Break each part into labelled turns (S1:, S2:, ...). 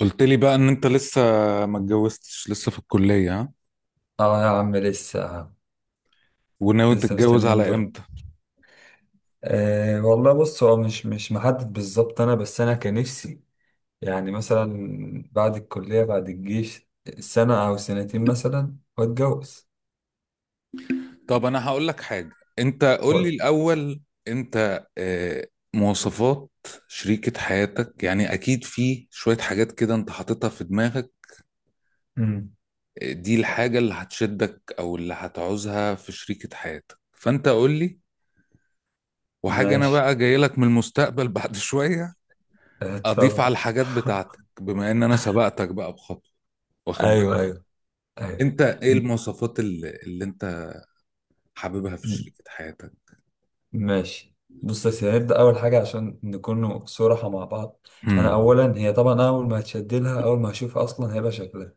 S1: قلت لي بقى ان انت لسه ما اتجوزتش لسه في الكلية، ها؟
S2: اه يا عم لسه.
S1: وناوي
S2: لسه
S1: تتجوز
S2: مستنيين
S1: على
S2: دول.
S1: امتى؟
S2: أه والله، بص هو مش محدد بالظبط. انا بس انا كان نفسي يعني مثلا بعد الكلية، بعد الجيش، سنة او سنتين مثلا، واتجوز.
S1: طب انا هقول لك حاجة. انت قول لي
S2: قول.
S1: الاول. انت مواصفات شريكة حياتك، يعني اكيد في شوية حاجات كده انت حاططها في دماغك.
S2: امم.
S1: دي الحاجة اللي هتشدك او اللي هتعوزها في شريكة حياتك، فانت قول لي. وحاجة انا
S2: ماشي.
S1: بقى جاي لك من المستقبل بعد شوية
S2: آه،
S1: اضيف
S2: اتفضل.
S1: على الحاجات بتاعتك، بما ان انا سبقتك بقى بخطوة. واخد
S2: ايوه
S1: بالك؟
S2: ايوه ايوه
S1: انت ايه
S2: م-
S1: المواصفات اللي انت حاببها في
S2: م-
S1: شريكة حياتك؟
S2: ماشي. بص يا سيدي، هنبدأ أول حاجة عشان نكون صراحة مع بعض. أنا
S1: امم.
S2: أولا هي طبعا أول ما هتشد لها، أول ما هشوفها، أصلا هيبقى شكلها.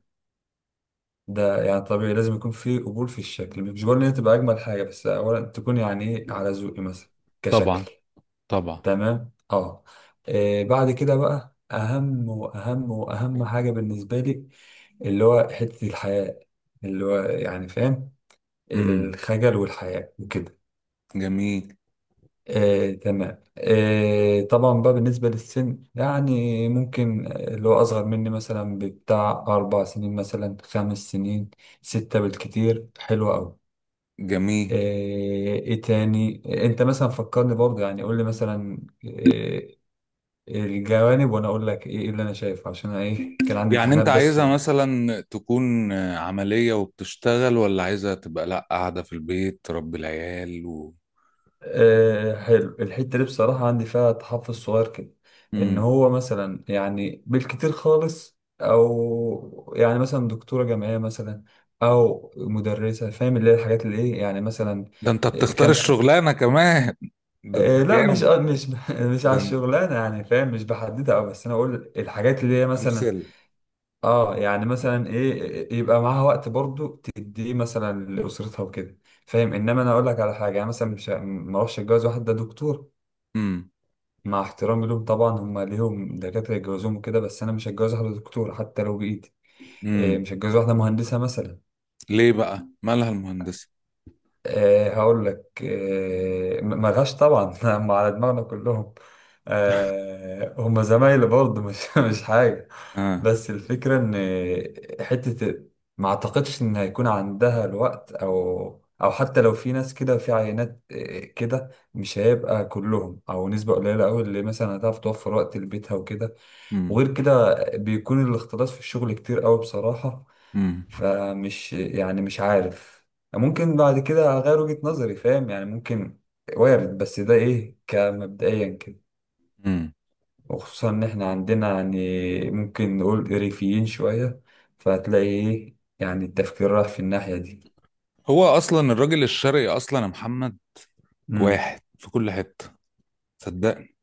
S2: ده يعني طبيعي لازم يكون في قبول في الشكل، مش بقول ان هي تبقى اجمل حاجه، بس اولا تكون يعني ايه على ذوقي مثلا
S1: طبعا
S2: كشكل.
S1: طبعا.
S2: تمام اه. إيه بعد كده بقى اهم واهم واهم حاجه بالنسبه لي، اللي هو حته الحياء، اللي هو يعني فاهم،
S1: امم.
S2: الخجل والحياء وكده.
S1: جميل
S2: إيه تمام، إيه طبعا بقى بالنسبه للسن يعني ممكن اللي هو اصغر مني مثلا بتاع اربع سنين مثلا، خمس سنين، ستة بالكتير حلوة أوي.
S1: جميل.
S2: ايه إيه تاني؟ انت مثلا فكرني برضه يعني، قول لي مثلا إيه الجوانب وانا اقول لك ايه اللي انا شايفه، عشان أنا ايه كان عندي
S1: يعني
S2: امتحانات
S1: انت
S2: بس و...
S1: عايزها مثلا تكون عملية وبتشتغل، ولا عايزها تبقى لا قاعدة في البيت تربي العيال.
S2: إيه حلو. الحتة دي بصراحة عندي فيها تحفظ صغير كده، ان
S1: مم.
S2: هو مثلا يعني بالكتير خالص او يعني مثلا دكتورة جامعية مثلا او مدرسة، فاهم؟ اللي هي الحاجات اللي ايه يعني مثلا.
S1: ده انت
S2: إيه
S1: بتختار
S2: كامسة.
S1: الشغلانة كمان؟ ده انت
S2: إيه لا مش
S1: جامد.
S2: آه، مش مش على
S1: ده انت
S2: الشغلانه يعني فاهم، مش بحددها قوي، بس انا اقول الحاجات اللي هي مثلا
S1: امثلة.
S2: اه، يعني مثلا ايه، يبقى معاها وقت برضو تديه مثلا لاسرتها وكده، فاهم؟ انما انا اقول لك على حاجه يعني مثلا مش ه- ما اروحش اتجوز واحد ده دكتور.
S1: امم.
S2: مع احترامي لهم طبعا، هم ليهم دكاتره يتجوزوهم وكده، بس انا مش هتجوز واحده دكتوره حتى لو بايدي. إيه
S1: امم.
S2: مش هتجوز واحده مهندسه مثلا.
S1: ليه بقى مالها المهندسة؟
S2: هقول لك، ملهاش طبعا، هم على دماغنا كلهم. هم زمايلي برضه، مش مش حاجة.
S1: اه.
S2: بس الفكرة إن حتة، ما أعتقدش إن هيكون عندها الوقت أو أو حتى لو في ناس كده في عينات كده، مش هيبقى كلهم، أو نسبة قليلة أوي اللي مثلا هتعرف توفر وقت لبيتها وكده.
S1: امم.
S2: وغير كده بيكون الاختلاط في الشغل كتير أوي بصراحة.
S1: امم.
S2: فمش يعني مش عارف، ممكن بعد كده اغير وجهة نظري، فاهم يعني؟ ممكن، وارد، بس ده ايه كمبدئيا كده.
S1: امم.
S2: وخصوصا ان احنا عندنا يعني ممكن نقول ريفيين شوية، فهتلاقي ايه يعني التفكير راح في الناحية دي.
S1: هو اصلا الراجل الشرقي اصلا يا محمد،
S2: امم.
S1: واحد في كل حتة. صدقني،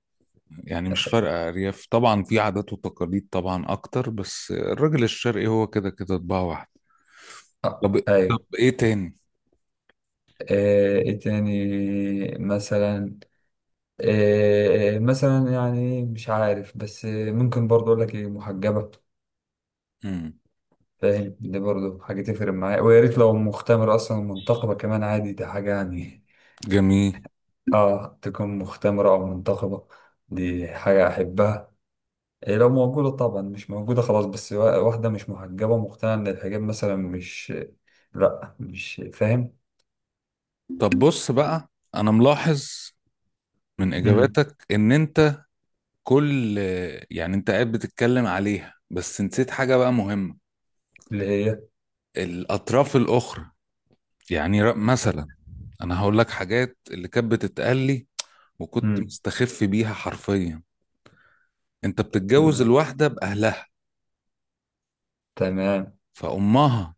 S1: يعني مش فارقة أرياف، طبعا في عادات وتقاليد طبعا أكتر، بس الراجل الشرقي هو كده كده طباع واحد.
S2: آه،
S1: طب
S2: ايوه.
S1: إيه تاني؟
S2: ايه تاني مثلا؟ مثلا يعني مش عارف، بس ممكن برضه اقول لك ايه، محجبة،
S1: مم.
S2: فاهم؟ دي برضه حاجة تفرق معايا، ويا ريت لو مختمرة أصلا ومنتقبة كمان، عادي، دي حاجة يعني
S1: جميل.
S2: آه، تكون مختمرة أو منتقبة، دي حاجة أحبها. إيه لو موجودة طبعا، مش موجودة خلاص، بس واحدة مش محجبة مقتنعة إن الحجاب مثلا مش، لأ مش فاهم.
S1: طب بص بقى، أنا ملاحظ من
S2: مم.
S1: إجاباتك إن أنت كل يعني أنت قاعد بتتكلم عليها بس نسيت حاجة بقى مهمة.
S2: اللي هي.
S1: الأطراف الأخرى، يعني مثلا أنا هقول لك حاجات اللي كانت بتتقال لي وكنت
S2: مم.
S1: مستخف بيها حرفيا. أنت بتتجوز
S2: مم.
S1: الواحدة بأهلها،
S2: تمام.
S1: فأمها،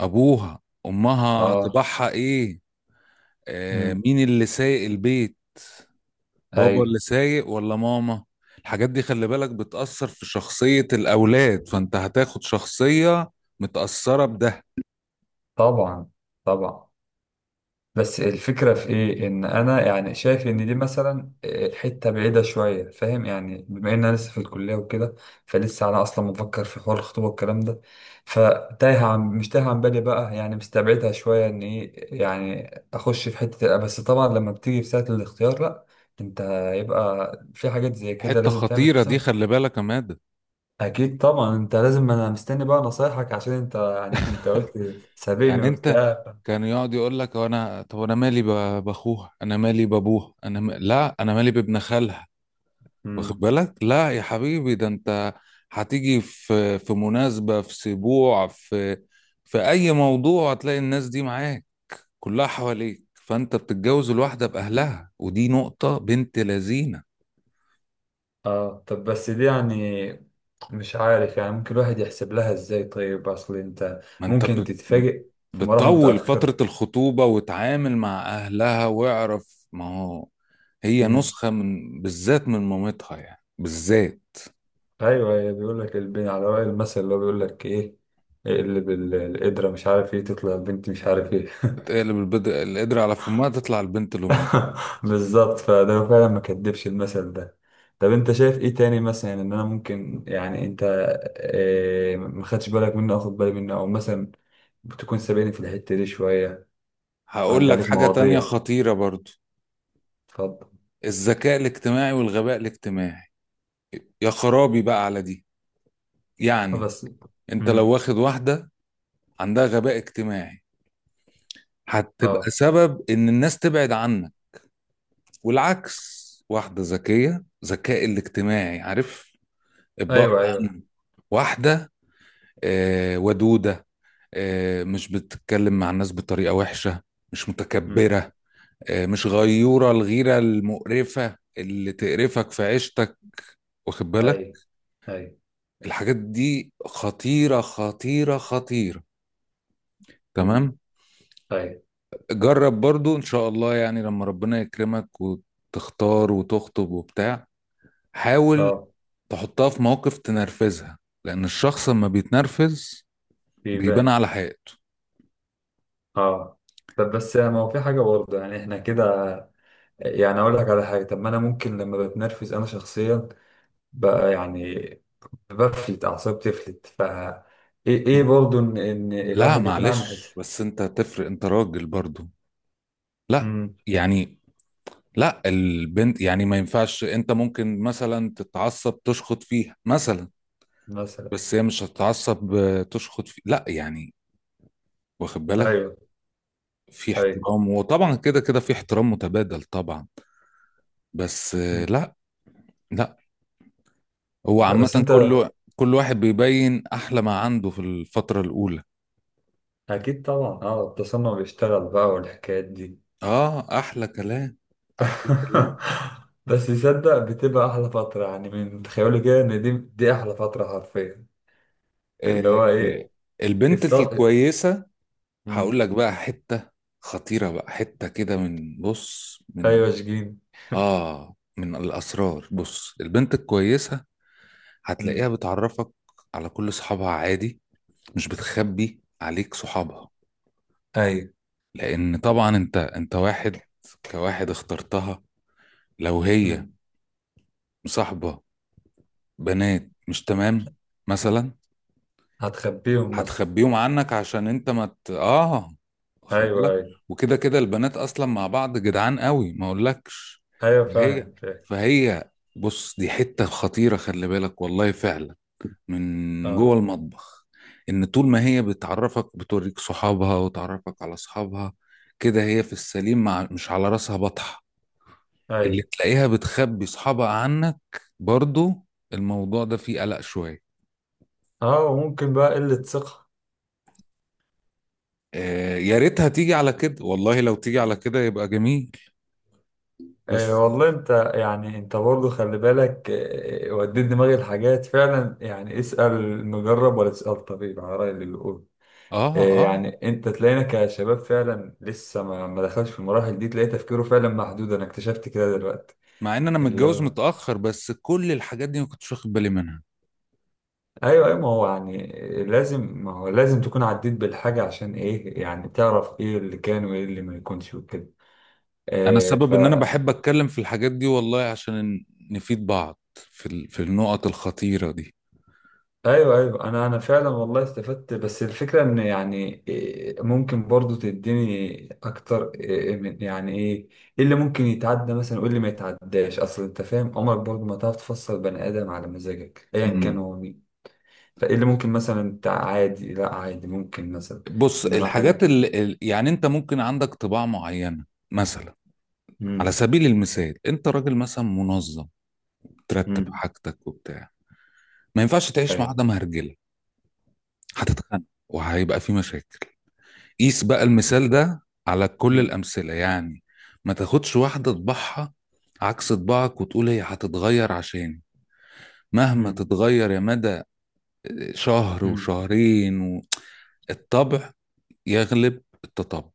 S1: ابوها، امها،
S2: آه.
S1: طباعها ايه؟
S2: مم.
S1: مين اللي سايق البيت؟ بابا اللي
S2: أي.
S1: سايق ولا ماما؟ الحاجات دي خلي بالك بتأثر في شخصية الأولاد، فأنت هتاخد شخصية متأثرة بده.
S2: طبعا، طبعا، بس الفكرة في إيه؟ إن أنا يعني شايف إن دي مثلا حتة بعيدة شوية، فاهم يعني، بما إن أنا لسه في الكلية وكده، فلسه أنا أصلا مفكر في حوار الخطوبة والكلام ده، فتايه عن مش تايه عن بالي بقى، يعني مستبعدها شوية إن إيه، يعني أخش في حتة، بس طبعا لما بتيجي في ساعة الاختيار لأ، أنت يبقى في حاجات زي كده
S1: حتة
S2: لازم تعمل
S1: خطيرة دي،
S2: حسابها.
S1: خلي بالك يا مادة.
S2: أكيد طبعا، أنت لازم، أنا مستني بقى نصايحك عشان أنت يعني أنت قلت سابقني
S1: يعني أنت
S2: وبتاع.
S1: كان يقعد يقول لك أنا، طب أنا مالي بأخوها، أنا مالي بأبوها، لا أنا مالي بابن خالها. واخد
S2: مم.
S1: بالك؟ لا يا حبيبي، ده انت هتيجي في في مناسبة، في سبوع، في اي موضوع، هتلاقي الناس دي معاك كلها حواليك، فانت بتتجوز الواحدة باهلها. ودي نقطة بنت لذينة.
S2: اه طب بس دي يعني مش عارف يعني ممكن الواحد يحسب لها ازاي؟ طيب اصل انت،
S1: ما انت
S2: ممكن
S1: بت-
S2: تتفاجئ في مراحل
S1: بتطول فترة
S2: متأخرة.
S1: الخطوبة وتعامل مع اهلها واعرف ما هو، هي
S2: امم.
S1: نسخة من بالذات من مامتها، يعني بالذات.
S2: ايوه، بيقول لك البين، على رأي المثل اللي هو بيقول لك ايه، اقلب القدرة مش عارف ايه، تطلع البنت مش عارف ايه.
S1: تقلب البدر القدر على فمها تطلع البنت لامها.
S2: بالظبط، فده هو فعلا ما كدبش المثل ده. طب انت شايف ايه تاني مثلا ان انا ممكن يعني، انت إيه ما خدتش بالك منه، أو اخد بالي منه، او مثلا بتكون سابقني في الحتة دي شوية،
S1: هقول
S2: عدى
S1: لك
S2: عليك
S1: حاجة تانية
S2: مواضيع؟
S1: خطيرة برضو.
S2: اتفضل.
S1: الذكاء الاجتماعي والغباء الاجتماعي، يا خرابي بقى على دي. يعني
S2: بس.
S1: انت لو
S2: امم.
S1: واخد واحدة عندها غباء اجتماعي، هتبقى
S2: اه.
S1: سبب ان الناس تبعد عنك. والعكس، واحدة ذكية ذكاء الاجتماعي، عارف. ابقى
S2: ايوه، ايوه.
S1: عنه. واحدة ودودة، مش بتتكلم مع الناس بطريقة وحشة، مش
S2: امم.
S1: متكبرة، مش غيورة الغيرة المقرفة اللي تقرفك في عيشتك. واخد
S2: اي،
S1: بالك؟
S2: اي.
S1: الحاجات دي خطيرة خطيرة خطيرة.
S2: امم.
S1: تمام.
S2: اي.
S1: جرب برضو ان شاء الله، يعني لما ربنا يكرمك وتختار وتخطب وبتاع، حاول
S2: اه.
S1: تحطها في موقف تنرفزها. لان الشخص لما بيتنرفز بيبان
S2: بيبان.
S1: على حقيقته.
S2: اه طب بس يعني ما هو في حاجه برضه يعني احنا كده، يعني اقول لك على حاجه، طب ما انا ممكن لما بتنرفز انا شخصيا بقى يعني بفلت اعصابي بتفلت، ف ايه برضه ان ان
S1: لا
S2: الواحد يكون عامل حساب.
S1: معلش بس انت تفرق، انت راجل برضو. لا
S2: امم.
S1: يعني، لا البنت يعني ما ينفعش. انت ممكن مثلا تتعصب تشخط فيها مثلا،
S2: مثلا.
S1: بس هي مش هتتعصب تشخط فيه، لا يعني. واخد بالك؟
S2: ايوه.
S1: في
S2: ايوه.
S1: احترام، وطبعا كده كده في احترام متبادل طبعا. بس
S2: امم.
S1: لا، لا. هو
S2: لا بس
S1: عامة
S2: انت،
S1: كل واحد بيبين أحلى ما عنده في الفترة الأولى.
S2: اكيد طبعا اه، التصنع بيشتغل بقى والحكايات دي.
S1: أحلى كلام. أحلى كلام.
S2: بس يصدق، بتبقى احلى فتره يعني، من تخيلي كده، ان دي احلى فتره حرفيا. اللي
S1: آه
S2: هو
S1: آه،
S2: ايه.
S1: البنت
S2: الص...
S1: الكويسة.
S2: مم.
S1: هقول لك بقى حتة خطيرة، بقى حتة كده، من بص من
S2: ايوه شجين.
S1: آه من الأسرار. بص، البنت الكويسة هتلاقيها
S2: مم.
S1: بتعرفك على كل صحابها عادي، مش بتخبي عليك صحابها.
S2: ايوه.
S1: لان طبعا انت واحد، كواحد اخترتها. لو هي
S2: مم.
S1: مصاحبه بنات مش تمام مثلا،
S2: هتخبيهم مثلا.
S1: هتخبيهم عنك عشان انت ما مت... اه واخد
S2: ايوه،
S1: بالك؟
S2: ايوه،
S1: وكده كده البنات اصلا مع بعض جدعان قوي ما اقولكش.
S2: ايوه،
S1: هي
S2: فاهم، فاهم.
S1: فهي بص، دي حته خطيره خلي بالك والله فعلا، من
S2: اه.
S1: جوه المطبخ. ان طول ما هي بتعرفك بتوريك صحابها وتعرفك على اصحابها، كده هي في السليم، مش على راسها بطحه. اللي
S2: ايوه.
S1: تلاقيها بتخبي صحابها عنك برضو، الموضوع ده فيه قلق شوية.
S2: اه، وممكن بقى قله ثقه.
S1: يا ريتها تيجي على كده، والله لو تيجي على كده يبقى جميل. بس.
S2: آه والله انت يعني انت برضه خلي بالك آه، وديت دماغي الحاجات فعلا يعني، اسال مجرب ولا تسال طبيب، على راي اللي بيقول.
S1: اه.
S2: إيه
S1: اه.
S2: يعني انت تلاقينا كشباب فعلا لسه ما دخلش في المراحل دي، تلاقي تفكيره فعلا محدود. انا اكتشفت كده دلوقتي
S1: مع ان انا
S2: اللي
S1: متجوز
S2: هو.
S1: متأخر بس كل الحاجات دي ما كنتش واخد بالي منها.
S2: ايوه، ايوه، ما هو يعني لازم، ما هو لازم تكون عديت بالحاجه عشان ايه يعني، تعرف ايه اللي كان وايه اللي ما يكونش وكده.
S1: انا
S2: إيه ف،
S1: السبب ان انا بحب اتكلم في الحاجات دي والله، عشان نفيد بعض في النقط الخطيرة دي.
S2: ايوه، ايوه، انا فعلا والله استفدت، بس الفكره ان يعني ممكن برضو تديني اكتر من يعني ايه، ايه اللي ممكن يتعدى مثلا وايه اللي ما يتعداش، اصل انت فاهم عمرك برضو ما تعرف تفصل بني ادم على مزاجك ايا كان
S1: مم.
S2: هو مين. فايه اللي ممكن مثلا انت عادي، لا عادي ممكن مثلا
S1: بص،
S2: انما حاجه.
S1: الحاجات اللي يعني انت ممكن عندك طباع معينة مثلا. على
S2: امم.
S1: سبيل المثال انت راجل مثلا منظم، ترتب
S2: امم.
S1: حاجتك وبتاع، ما ينفعش تعيش مع
S2: ايوه.
S1: واحده مهرجله. هتتخانق وهيبقى في مشاكل. قيس بقى المثال ده على كل
S2: امم.
S1: الامثله يعني. ما تاخدش واحده طباعها عكس طباعك وتقول هي هتتغير، عشان مهما
S2: امم.
S1: تتغير يا مدى، شهر
S2: امم.
S1: وشهرين. الطبع يغلب التطبع.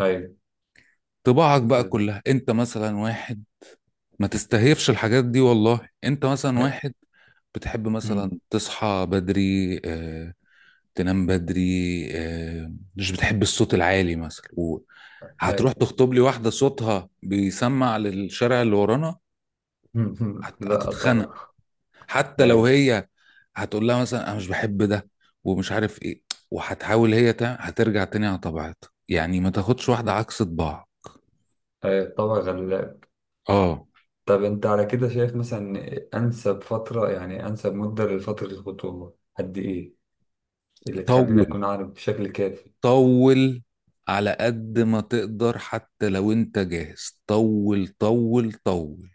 S2: ايوه.
S1: طباعك بقى كلها، انت مثلا واحد، ما تستهيفش الحاجات دي والله. انت مثلا واحد بتحب
S2: امم.
S1: مثلا تصحى بدري، آه، تنام بدري، مش بتحب الصوت العالي مثلا،
S2: ايوه.
S1: وهتروح تخطب لي واحدة صوتها بيسمع للشارع اللي ورانا،
S2: مم.
S1: هت-
S2: لا
S1: هتتخنق
S2: طبعا.
S1: حتى لو
S2: ايوه.
S1: هي هتقول لها مثلا انا مش بحب ده ومش عارف ايه، وهتحاول هي هترجع تاني على طبيعتها. يعني ما تاخدش واحدة عكس طباع.
S2: ايوه، طبعا غلبان.
S1: اه.
S2: طب انت على كده شايف مثلا انسب فترة يعني انسب مدة لفترة الخطوبة قد ايه، اللي تخلينا
S1: طول.
S2: نكون عارف بشكل كافي؟
S1: طول. على قد ما تقدر، حتى لو انت جاهز، طول طول طول.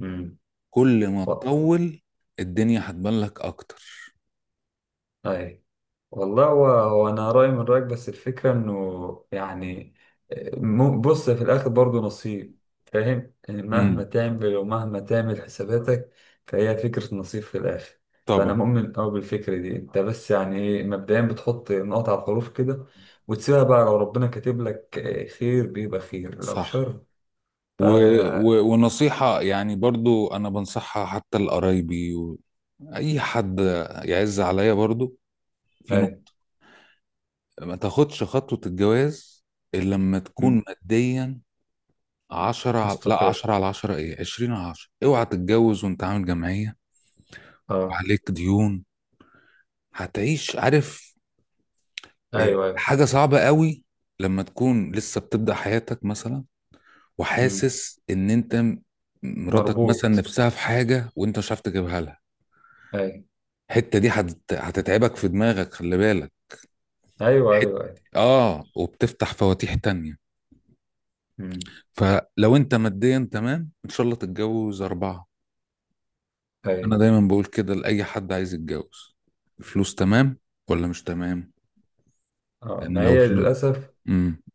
S2: امم.
S1: كل ما تطول، الدنيا هتبان لك اكتر.
S2: اي. والله هو هو انا رايي من رايك، بس الفكره انه يعني بص، في الاخر برضه نصيب، فاهم يعني مهما
S1: امم.
S2: تعمل، ومهما تعمل حساباتك، فهي فكره نصيب في الاخر. فانا
S1: طبعا.
S2: مؤمن قوي بالفكره دي. انت بس يعني ايه، مبدئيا بتحط نقط على الحروف كده، وتسيبها بقى، لو ربنا كاتب لك خير بيبقى خير، لو
S1: صح.
S2: شر، ف.
S1: و... ونصيحة يعني برضو، انا بنصحها حتى لقرايبي واي حد يعز عليا برضو، في
S2: اي.
S1: نقطة. ما تاخدش خطوة الجواز الا لما
S2: مم.
S1: تكون ماديا لا،
S2: مستقر.
S1: 10/10، ايه، 20/10. اوعى تتجوز وانت عامل جمعية
S2: اه.
S1: وعليك ديون. هتعيش عارف.
S2: ايوه، ايوه.
S1: حاجة صعبة قوي لما تكون لسه بتبدأ حياتك مثلا،
S2: مم.
S1: وحاسس ان انت مراتك مثلا
S2: مربوط.
S1: نفسها في حاجة وانت مش عارف تجيبها لها.
S2: اي.
S1: الحتة دي هتتعبك في دماغك، خلي بالك.
S2: ايوه،
S1: الحت...
S2: ايوه، ايوه.
S1: اه وبتفتح فواتيح تانية.
S2: مم.
S1: فلو انت ماديا تمام ان شاء الله تتجوز أربعة.
S2: اي.
S1: انا دايما بقول كده لأي حد عايز يتجوز. الفلوس تمام ولا مش تمام؟
S2: اه
S1: لأن
S2: ما
S1: لو
S2: هي
S1: الفلوس
S2: للأسف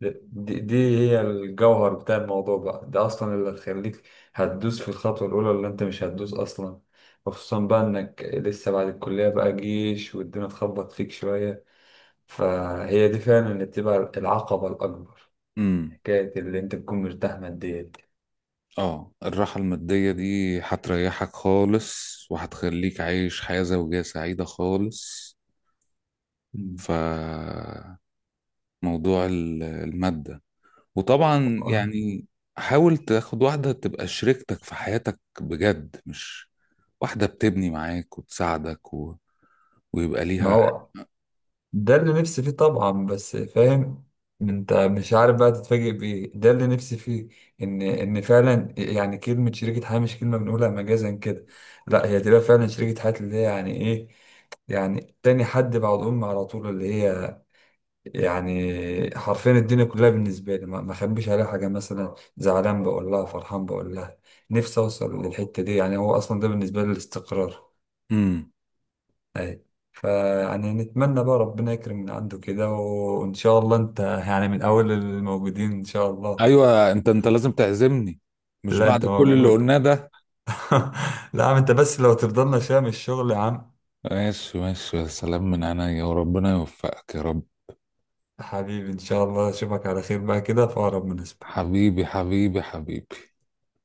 S2: دي هي الجوهر بتاع الموضوع بقى، ده أصلا اللي هتخليك هتدوس في الخطوة الأولى اللي أنت مش هتدوس أصلا، وخصوصا بقى إنك لسه بعد الكلية بقى جيش والدنيا تخبط فيك شوية، فهي دي فعلا اللي بتبقى العقبة الأكبر،
S1: امم
S2: حكاية اللي أنت تكون مرتاح ماديا.
S1: اه الراحة المادية دي هتريحك خالص، وهتخليك عايش حياة زوجية سعيدة خالص.
S2: مم.
S1: فموضوع المادة، وطبعا يعني، حاول تاخد واحدة تبقى شريكتك في حياتك بجد، مش واحدة بتبني معاك وتساعدك. ويبقى
S2: ما
S1: ليها.
S2: هو ده اللي نفسي فيه طبعا، بس فاهم انت، مش عارف بقى تتفاجئ بايه. ده اللي نفسي فيه، ان ان فعلا يعني كلمه شريكه حياه مش كلمه بنقولها مجازا كده، لا هي تبقى فعلا شريكه حياه، اللي هي يعني ايه، يعني تاني حد بعد امي على طول، اللي هي يعني حرفيا الدنيا كلها بالنسبه لي، ما اخبيش عليها حاجه، مثلا زعلان بقول لها، فرحان بقول لها. نفسي اوصل للحته دي، يعني هو اصلا ده بالنسبه لي الاستقرار.
S1: امم.
S2: فيعني نتمنى بقى ربنا يكرم من عنده كده، وإن شاء الله أنت يعني من أول الموجودين إن شاء الله.
S1: ايوه، انت لازم تعزمني، مش
S2: لا أنت
S1: بعد كل اللي
S2: موجود.
S1: قلناه ده؟
S2: لا يا عم أنت، بس لو تفضلنا شام الشغل يا عم.
S1: ماشي ماشي، يا سلام، من عينيا وربنا يوفقك يا رب.
S2: حبيبي، إن شاء الله أشوفك على خير بقى كده في أقرب مناسبة.
S1: حبيبي حبيبي حبيبي.